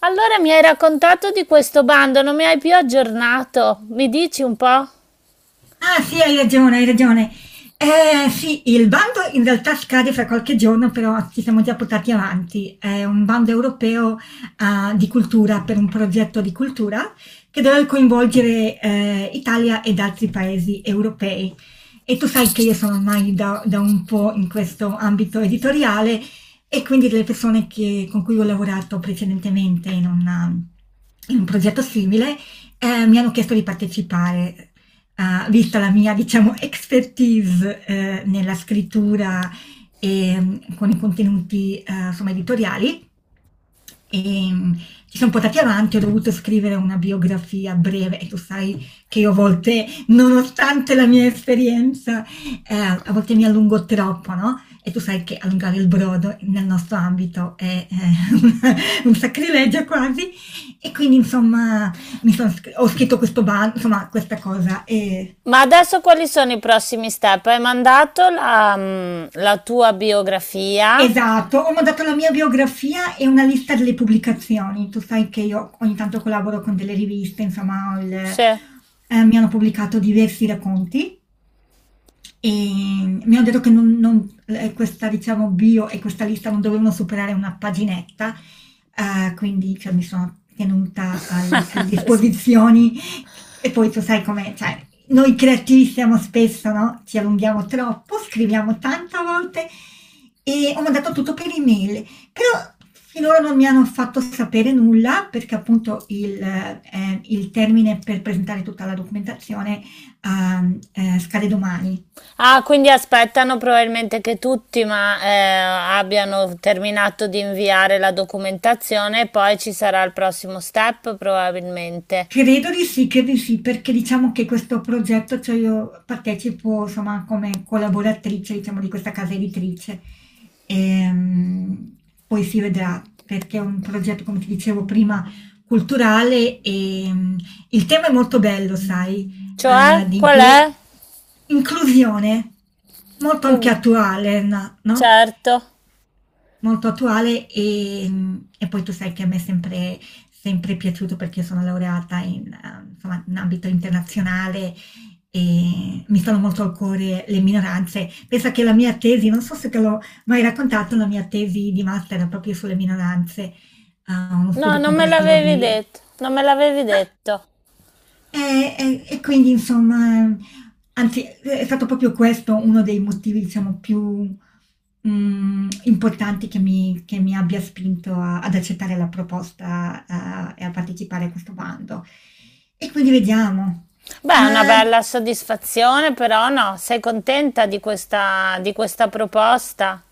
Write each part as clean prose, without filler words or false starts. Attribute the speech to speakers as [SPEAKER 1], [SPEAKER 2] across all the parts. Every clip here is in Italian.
[SPEAKER 1] Allora mi hai raccontato di questo bando, non mi hai più aggiornato. Mi dici un po'?
[SPEAKER 2] Ah sì, hai ragione, hai ragione. Eh sì, il bando in realtà scade fra qualche giorno, però ci siamo già portati avanti. È un bando europeo, ah, di cultura, per un progetto di cultura che deve coinvolgere, Italia ed altri paesi europei. E tu sai che io sono ormai da un po' in questo ambito editoriale e quindi delle con cui ho lavorato precedentemente in in un progetto simile, mi hanno chiesto di partecipare. Ha visto la mia, diciamo, expertise, nella scrittura e, con i contenuti, insomma, editoriali. E, mh, ci sono portati avanti, ho dovuto scrivere una biografia breve e tu sai che io a volte, nonostante la mia esperienza, a volte mi allungo troppo, no? E tu sai che allungare il brodo nel nostro ambito è, un sacrilegio quasi. E quindi, insomma, ho scritto questo bando, insomma, questa cosa. E...
[SPEAKER 1] Ma adesso quali sono i prossimi step? Hai mandato la, la tua biografia?
[SPEAKER 2] Esatto, ho mandato la mia biografia e una lista delle pubblicazioni. Tu sai che io ogni tanto collaboro con delle riviste, insomma,
[SPEAKER 1] Sì.
[SPEAKER 2] mi hanno pubblicato diversi racconti. Mi hanno detto che non questa diciamo bio e questa lista non dovevano superare una paginetta, quindi cioè mi sono tenuta alle disposizioni, e poi tu sai com'è, cioè noi creativi siamo spesso, no, ci allunghiamo troppo, scriviamo tanto a volte, e ho mandato tutto per email, però finora non mi hanno fatto sapere nulla perché appunto il, il termine per presentare tutta la documentazione, scade domani.
[SPEAKER 1] Quindi aspettano probabilmente che tutti ma, abbiano terminato di inviare la documentazione e poi ci sarà il prossimo step probabilmente.
[SPEAKER 2] Credo di sì, perché diciamo che questo progetto, cioè io partecipo insomma come collaboratrice diciamo di questa casa editrice. Ehm, Poi si vedrà perché è un progetto, come ti dicevo prima, culturale e, il tema è molto bello, sai,
[SPEAKER 1] Cioè,
[SPEAKER 2] eh, di
[SPEAKER 1] qual
[SPEAKER 2] inclu-
[SPEAKER 1] è?
[SPEAKER 2] inclusione, molto
[SPEAKER 1] Che
[SPEAKER 2] anche attuale, no? No?
[SPEAKER 1] certo.
[SPEAKER 2] Molto attuale e, e poi tu sai che a me è sempre piaciuto perché io sono laureata in, insomma in ambito internazionale, e mi stanno molto al cuore le minoranze. Pensa che la mia tesi, non so se te l'ho mai raccontato, la mia tesi di master era proprio sulle minoranze, uno
[SPEAKER 1] No,
[SPEAKER 2] studio
[SPEAKER 1] non me
[SPEAKER 2] comparativo
[SPEAKER 1] l'avevi
[SPEAKER 2] di
[SPEAKER 1] detto. Non me l'avevi detto.
[SPEAKER 2] quindi insomma, anzi è stato proprio questo uno dei motivi diciamo più, importanti, che mi abbia spinto a ad accettare la proposta, e a partecipare a questo bando. E quindi vediamo.
[SPEAKER 1] Beh, è una
[SPEAKER 2] Ma
[SPEAKER 1] bella soddisfazione, però no, sei contenta di questa proposta?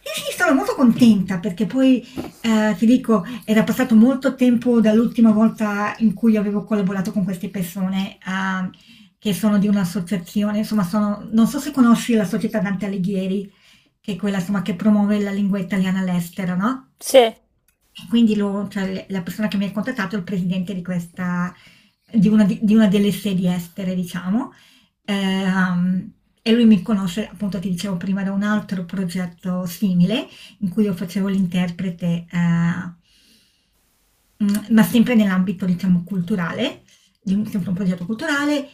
[SPEAKER 2] sì, sì, sono molto contenta perché poi, ti dico, era passato molto tempo dall'ultima volta in cui avevo collaborato con queste persone, che sono di un'associazione, insomma sono, non so se conosci la Società Dante Alighieri, che è quella insomma, che promuove la lingua italiana all'estero, no?
[SPEAKER 1] Sì,
[SPEAKER 2] E quindi cioè, la persona che mi ha contattato è il presidente di questa, di una, di una delle sedi estere, diciamo. Ehm, e lui mi conosce, appunto ti dicevo prima, da un altro progetto simile in cui io facevo l'interprete, ma sempre nell'ambito, diciamo, culturale, di sempre un progetto culturale,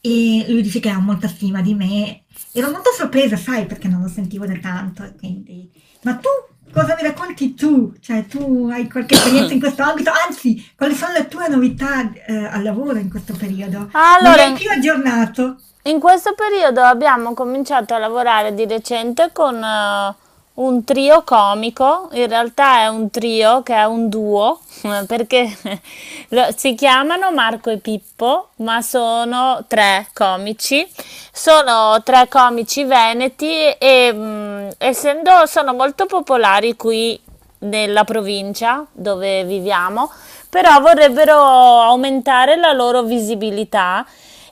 [SPEAKER 2] e lui dice che ha molta stima di me. Ero molto sorpresa, sai, perché non lo sentivo da tanto, e quindi... Ma tu, cosa mi racconti tu? Cioè, tu hai qualche esperienza in questo ambito? Anzi, quali sono le tue novità, al lavoro in questo periodo? Non mi
[SPEAKER 1] Allora,
[SPEAKER 2] hai
[SPEAKER 1] in,
[SPEAKER 2] più aggiornato,
[SPEAKER 1] in questo periodo abbiamo cominciato a lavorare di recente con un trio comico, in realtà è un trio che è un duo, perché si chiamano Marco e Pippo, ma sono tre comici veneti e essendo sono molto popolari qui nella provincia dove viviamo, però vorrebbero aumentare la loro visibilità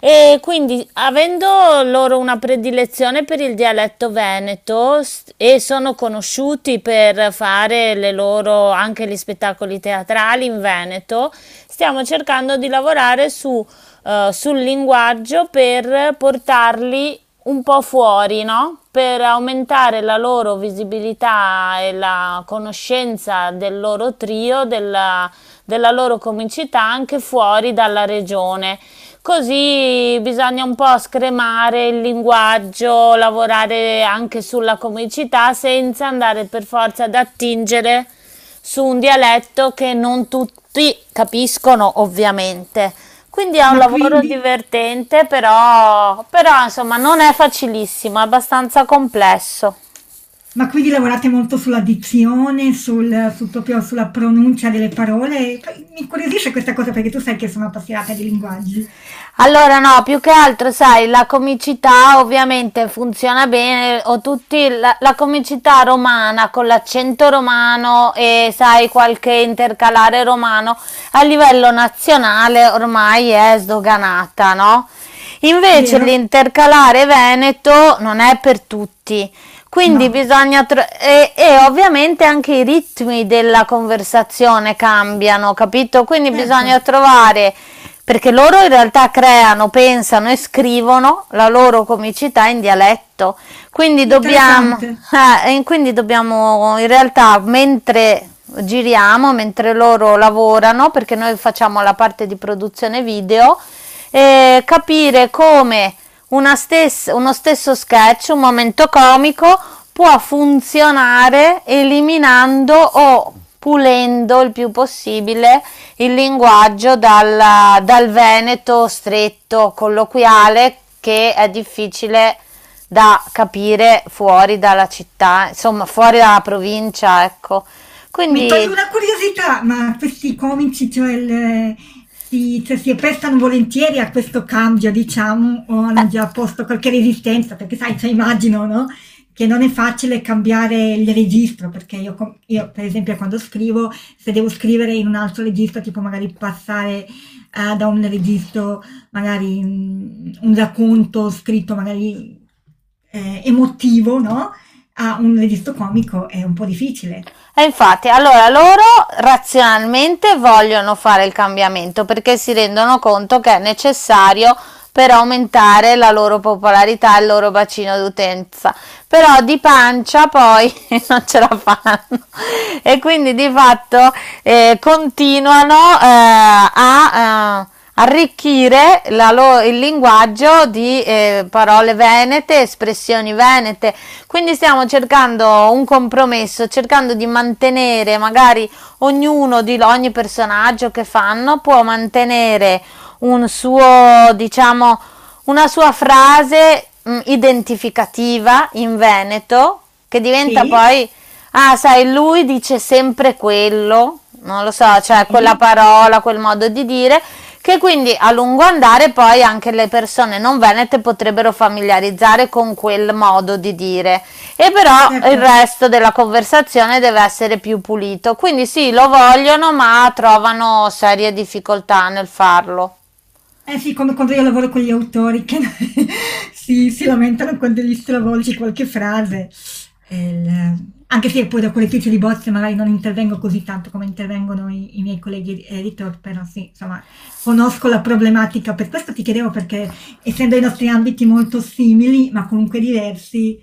[SPEAKER 1] e quindi avendo loro una predilezione per il dialetto veneto e sono conosciuti per fare le loro anche gli spettacoli teatrali in Veneto, stiamo cercando di lavorare su sul linguaggio per portarli un po' fuori, no? Per aumentare la loro visibilità e la conoscenza del loro trio, della loro comicità anche fuori dalla regione. Così bisogna un po' scremare il linguaggio, lavorare anche sulla comicità senza andare per forza ad attingere su un dialetto che non tutti capiscono, ovviamente. Quindi è un
[SPEAKER 2] ma
[SPEAKER 1] lavoro
[SPEAKER 2] quindi,
[SPEAKER 1] divertente, però insomma non è facilissimo, è abbastanza complesso.
[SPEAKER 2] ma quindi lavorate molto sulla dizione, sul proprio, sulla pronuncia delle parole? Mi incuriosisce questa cosa perché tu sai che sono appassionata di linguaggi,
[SPEAKER 1] Allora no, più che altro sai, la comicità ovviamente funziona bene, o tutti la comicità romana con l'accento romano e sai qualche intercalare romano a livello nazionale ormai è sdoganata, no? Invece
[SPEAKER 2] vero?
[SPEAKER 1] l'intercalare veneto non è per tutti, quindi
[SPEAKER 2] No,
[SPEAKER 1] bisogna e ovviamente anche i ritmi della conversazione cambiano, capito? Quindi
[SPEAKER 2] certo,
[SPEAKER 1] bisogna trovare perché loro in realtà creano, pensano e scrivono la loro comicità in dialetto. Quindi dobbiamo
[SPEAKER 2] interessante.
[SPEAKER 1] dobbiamo in realtà mentre giriamo, mentre loro lavorano, perché noi facciamo la parte di produzione video capire come uno stesso sketch, un momento comico, può funzionare eliminando o pulendo il più possibile il linguaggio dal veneto stretto, colloquiale, che è difficile da capire fuori dalla città, insomma, fuori dalla provincia, ecco.
[SPEAKER 2] Mi toglie
[SPEAKER 1] Quindi,
[SPEAKER 2] una curiosità, ma questi comici, cioè, si, cioè, si prestano volentieri a questo cambio, diciamo, o hanno
[SPEAKER 1] eh,
[SPEAKER 2] già posto qualche resistenza, perché sai, cioè, immagino, no? Che non è facile cambiare il registro, perché io, io, per esempio, quando scrivo, se devo scrivere in un altro registro, tipo magari passare, da un registro, magari, un racconto scritto magari, emotivo, no? A un registro comico è un po' difficile.
[SPEAKER 1] e infatti, allora loro razionalmente vogliono fare il cambiamento perché si rendono conto che è necessario per aumentare la loro popolarità e il loro bacino d'utenza. Però di pancia poi non ce la fanno e quindi di fatto continuano arricchire il linguaggio di parole venete, espressioni venete. Quindi stiamo cercando un compromesso, cercando di mantenere magari ognuno di ogni personaggio che fanno può mantenere un suo, diciamo, una sua frase identificativa in Veneto che diventa
[SPEAKER 2] Sì,
[SPEAKER 1] poi, ah, sai, lui dice sempre quello, non lo so, cioè quella
[SPEAKER 2] sì,
[SPEAKER 1] parola, quel modo di dire che quindi a lungo andare poi anche le persone non venete potrebbero familiarizzare con quel modo di dire e però
[SPEAKER 2] certo.
[SPEAKER 1] il resto della conversazione deve essere più pulito. Quindi sì, lo vogliono, ma trovano serie difficoltà nel farlo.
[SPEAKER 2] Eh sì, come quando io lavoro con gli autori che si lamentano quando gli stravolgi qualche frase. E anche se poi da correttrice di bozze magari non intervengo così tanto come intervengono i miei colleghi editor, però sì, insomma, conosco la problematica. Per questo ti chiedevo perché, essendo i nostri ambiti molto simili, ma comunque diversi,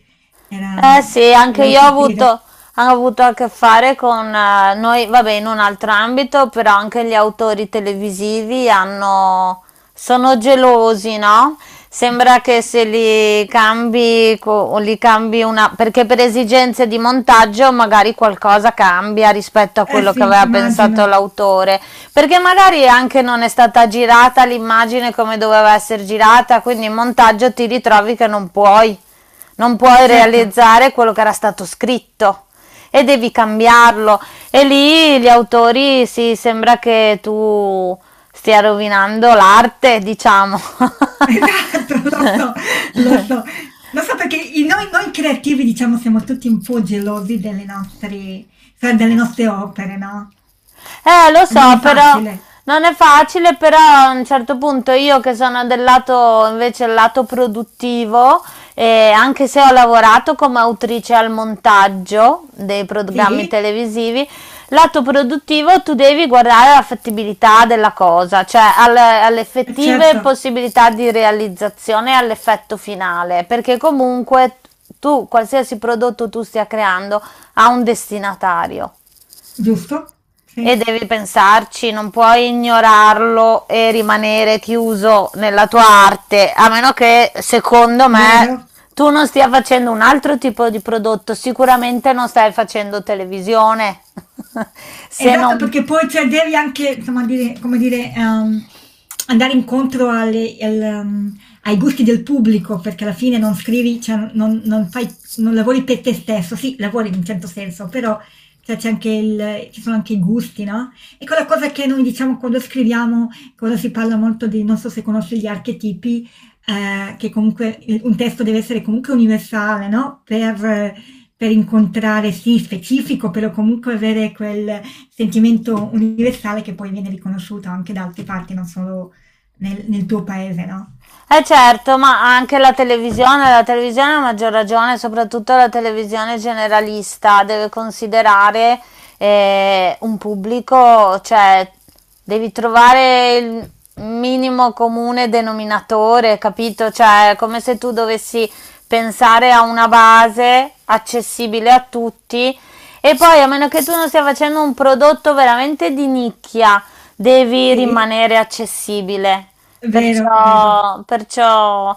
[SPEAKER 2] era...
[SPEAKER 1] Eh sì, anche
[SPEAKER 2] volevo
[SPEAKER 1] io
[SPEAKER 2] capire.
[SPEAKER 1] ho avuto a che fare con noi, vabbè, in un altro ambito, però anche gli autori televisivi hanno, sono gelosi, no? Sembra che se li cambi, li cambi una, perché per esigenze di montaggio magari qualcosa cambia rispetto a
[SPEAKER 2] Eh
[SPEAKER 1] quello che
[SPEAKER 2] sì,
[SPEAKER 1] aveva pensato
[SPEAKER 2] immagino.
[SPEAKER 1] l'autore, perché magari anche non è stata girata l'immagine come doveva essere girata, quindi in montaggio ti ritrovi che non puoi. Non
[SPEAKER 2] E
[SPEAKER 1] puoi
[SPEAKER 2] certo.
[SPEAKER 1] realizzare quello che era stato scritto e devi cambiarlo. E lì gli autori si sembra che tu stia rovinando l'arte, diciamo.
[SPEAKER 2] Esatto, lo so, lo so. Lo so perché noi, creativi, diciamo, siamo tutti un po' gelosi delle nostre, cioè, delle nostre opere, no?
[SPEAKER 1] Lo so,
[SPEAKER 2] Non è
[SPEAKER 1] però
[SPEAKER 2] facile.
[SPEAKER 1] non è facile, però a un certo punto io che sono del lato invece il lato produttivo, anche se ho lavorato come autrice al montaggio dei programmi
[SPEAKER 2] Sì,
[SPEAKER 1] televisivi, lato produttivo tu devi guardare alla fattibilità della cosa, cioè alle effettive
[SPEAKER 2] certo,
[SPEAKER 1] possibilità di realizzazione e all'effetto finale, perché comunque tu, qualsiasi prodotto tu stia creando, ha un destinatario.
[SPEAKER 2] giusto,
[SPEAKER 1] E
[SPEAKER 2] sì,
[SPEAKER 1] devi pensarci, non puoi ignorarlo e rimanere chiuso nella tua arte, a meno che, secondo me,
[SPEAKER 2] vero.
[SPEAKER 1] tu non stia facendo un altro tipo di prodotto, sicuramente non stai facendo televisione. Se
[SPEAKER 2] Esatto,
[SPEAKER 1] non
[SPEAKER 2] perché poi cioè, devi anche, insomma, dire, come dire, andare incontro al, ai gusti del pubblico, perché alla fine non scrivi, cioè, non fai, non lavori per te stesso, sì, lavori in un certo senso, però cioè, c'è anche ci sono anche i gusti, no? E quella cosa che noi diciamo quando scriviamo, quando si parla molto di, non so se conosci gli archetipi, che comunque un testo deve essere comunque universale, no? Per incontrare, sì, specifico, però comunque avere quel sentimento universale che poi viene riconosciuto anche da altre parti, non solo nel tuo paese, no?
[SPEAKER 1] eh certo, ma anche la televisione a maggior ragione, soprattutto la televisione generalista, deve considerare un pubblico, cioè devi trovare il minimo comune denominatore, capito? Cioè è come se tu dovessi pensare a una base accessibile a tutti e poi a meno che tu non stia facendo un prodotto veramente di nicchia, devi
[SPEAKER 2] Sì,
[SPEAKER 1] rimanere accessibile.
[SPEAKER 2] vero, vero.
[SPEAKER 1] Perciò, perciò,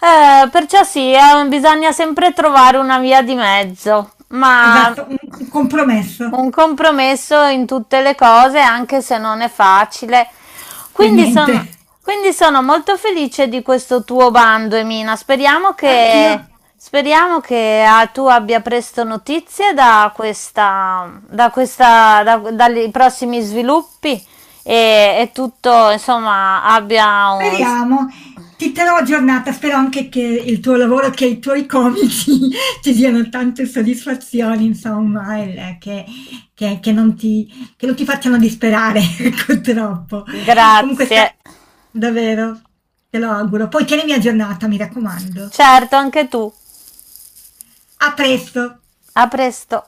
[SPEAKER 1] perciò sì, bisogna sempre trovare una via di mezzo, ma
[SPEAKER 2] Esatto, un compromesso
[SPEAKER 1] un compromesso in tutte le cose, anche se non è facile.
[SPEAKER 2] per
[SPEAKER 1] Quindi
[SPEAKER 2] niente.
[SPEAKER 1] sono, quindi sono molto felice di questo tuo bando, Emina. Speriamo
[SPEAKER 2] Anch'io.
[SPEAKER 1] che, speriamo che tu abbia presto notizie da dai prossimi sviluppi e tutto, insomma, abbia un...
[SPEAKER 2] Speriamo. Ti terrò aggiornata, spero anche che il tuo lavoro, che i tuoi comici ti diano tante soddisfazioni, insomma, e che, che non ti facciano disperare, ecco, troppo. Comunque,
[SPEAKER 1] Grazie.
[SPEAKER 2] davvero, te lo auguro. Poi tienimi aggiornata, mi raccomando.
[SPEAKER 1] Certo, anche tu.
[SPEAKER 2] A presto!
[SPEAKER 1] A presto.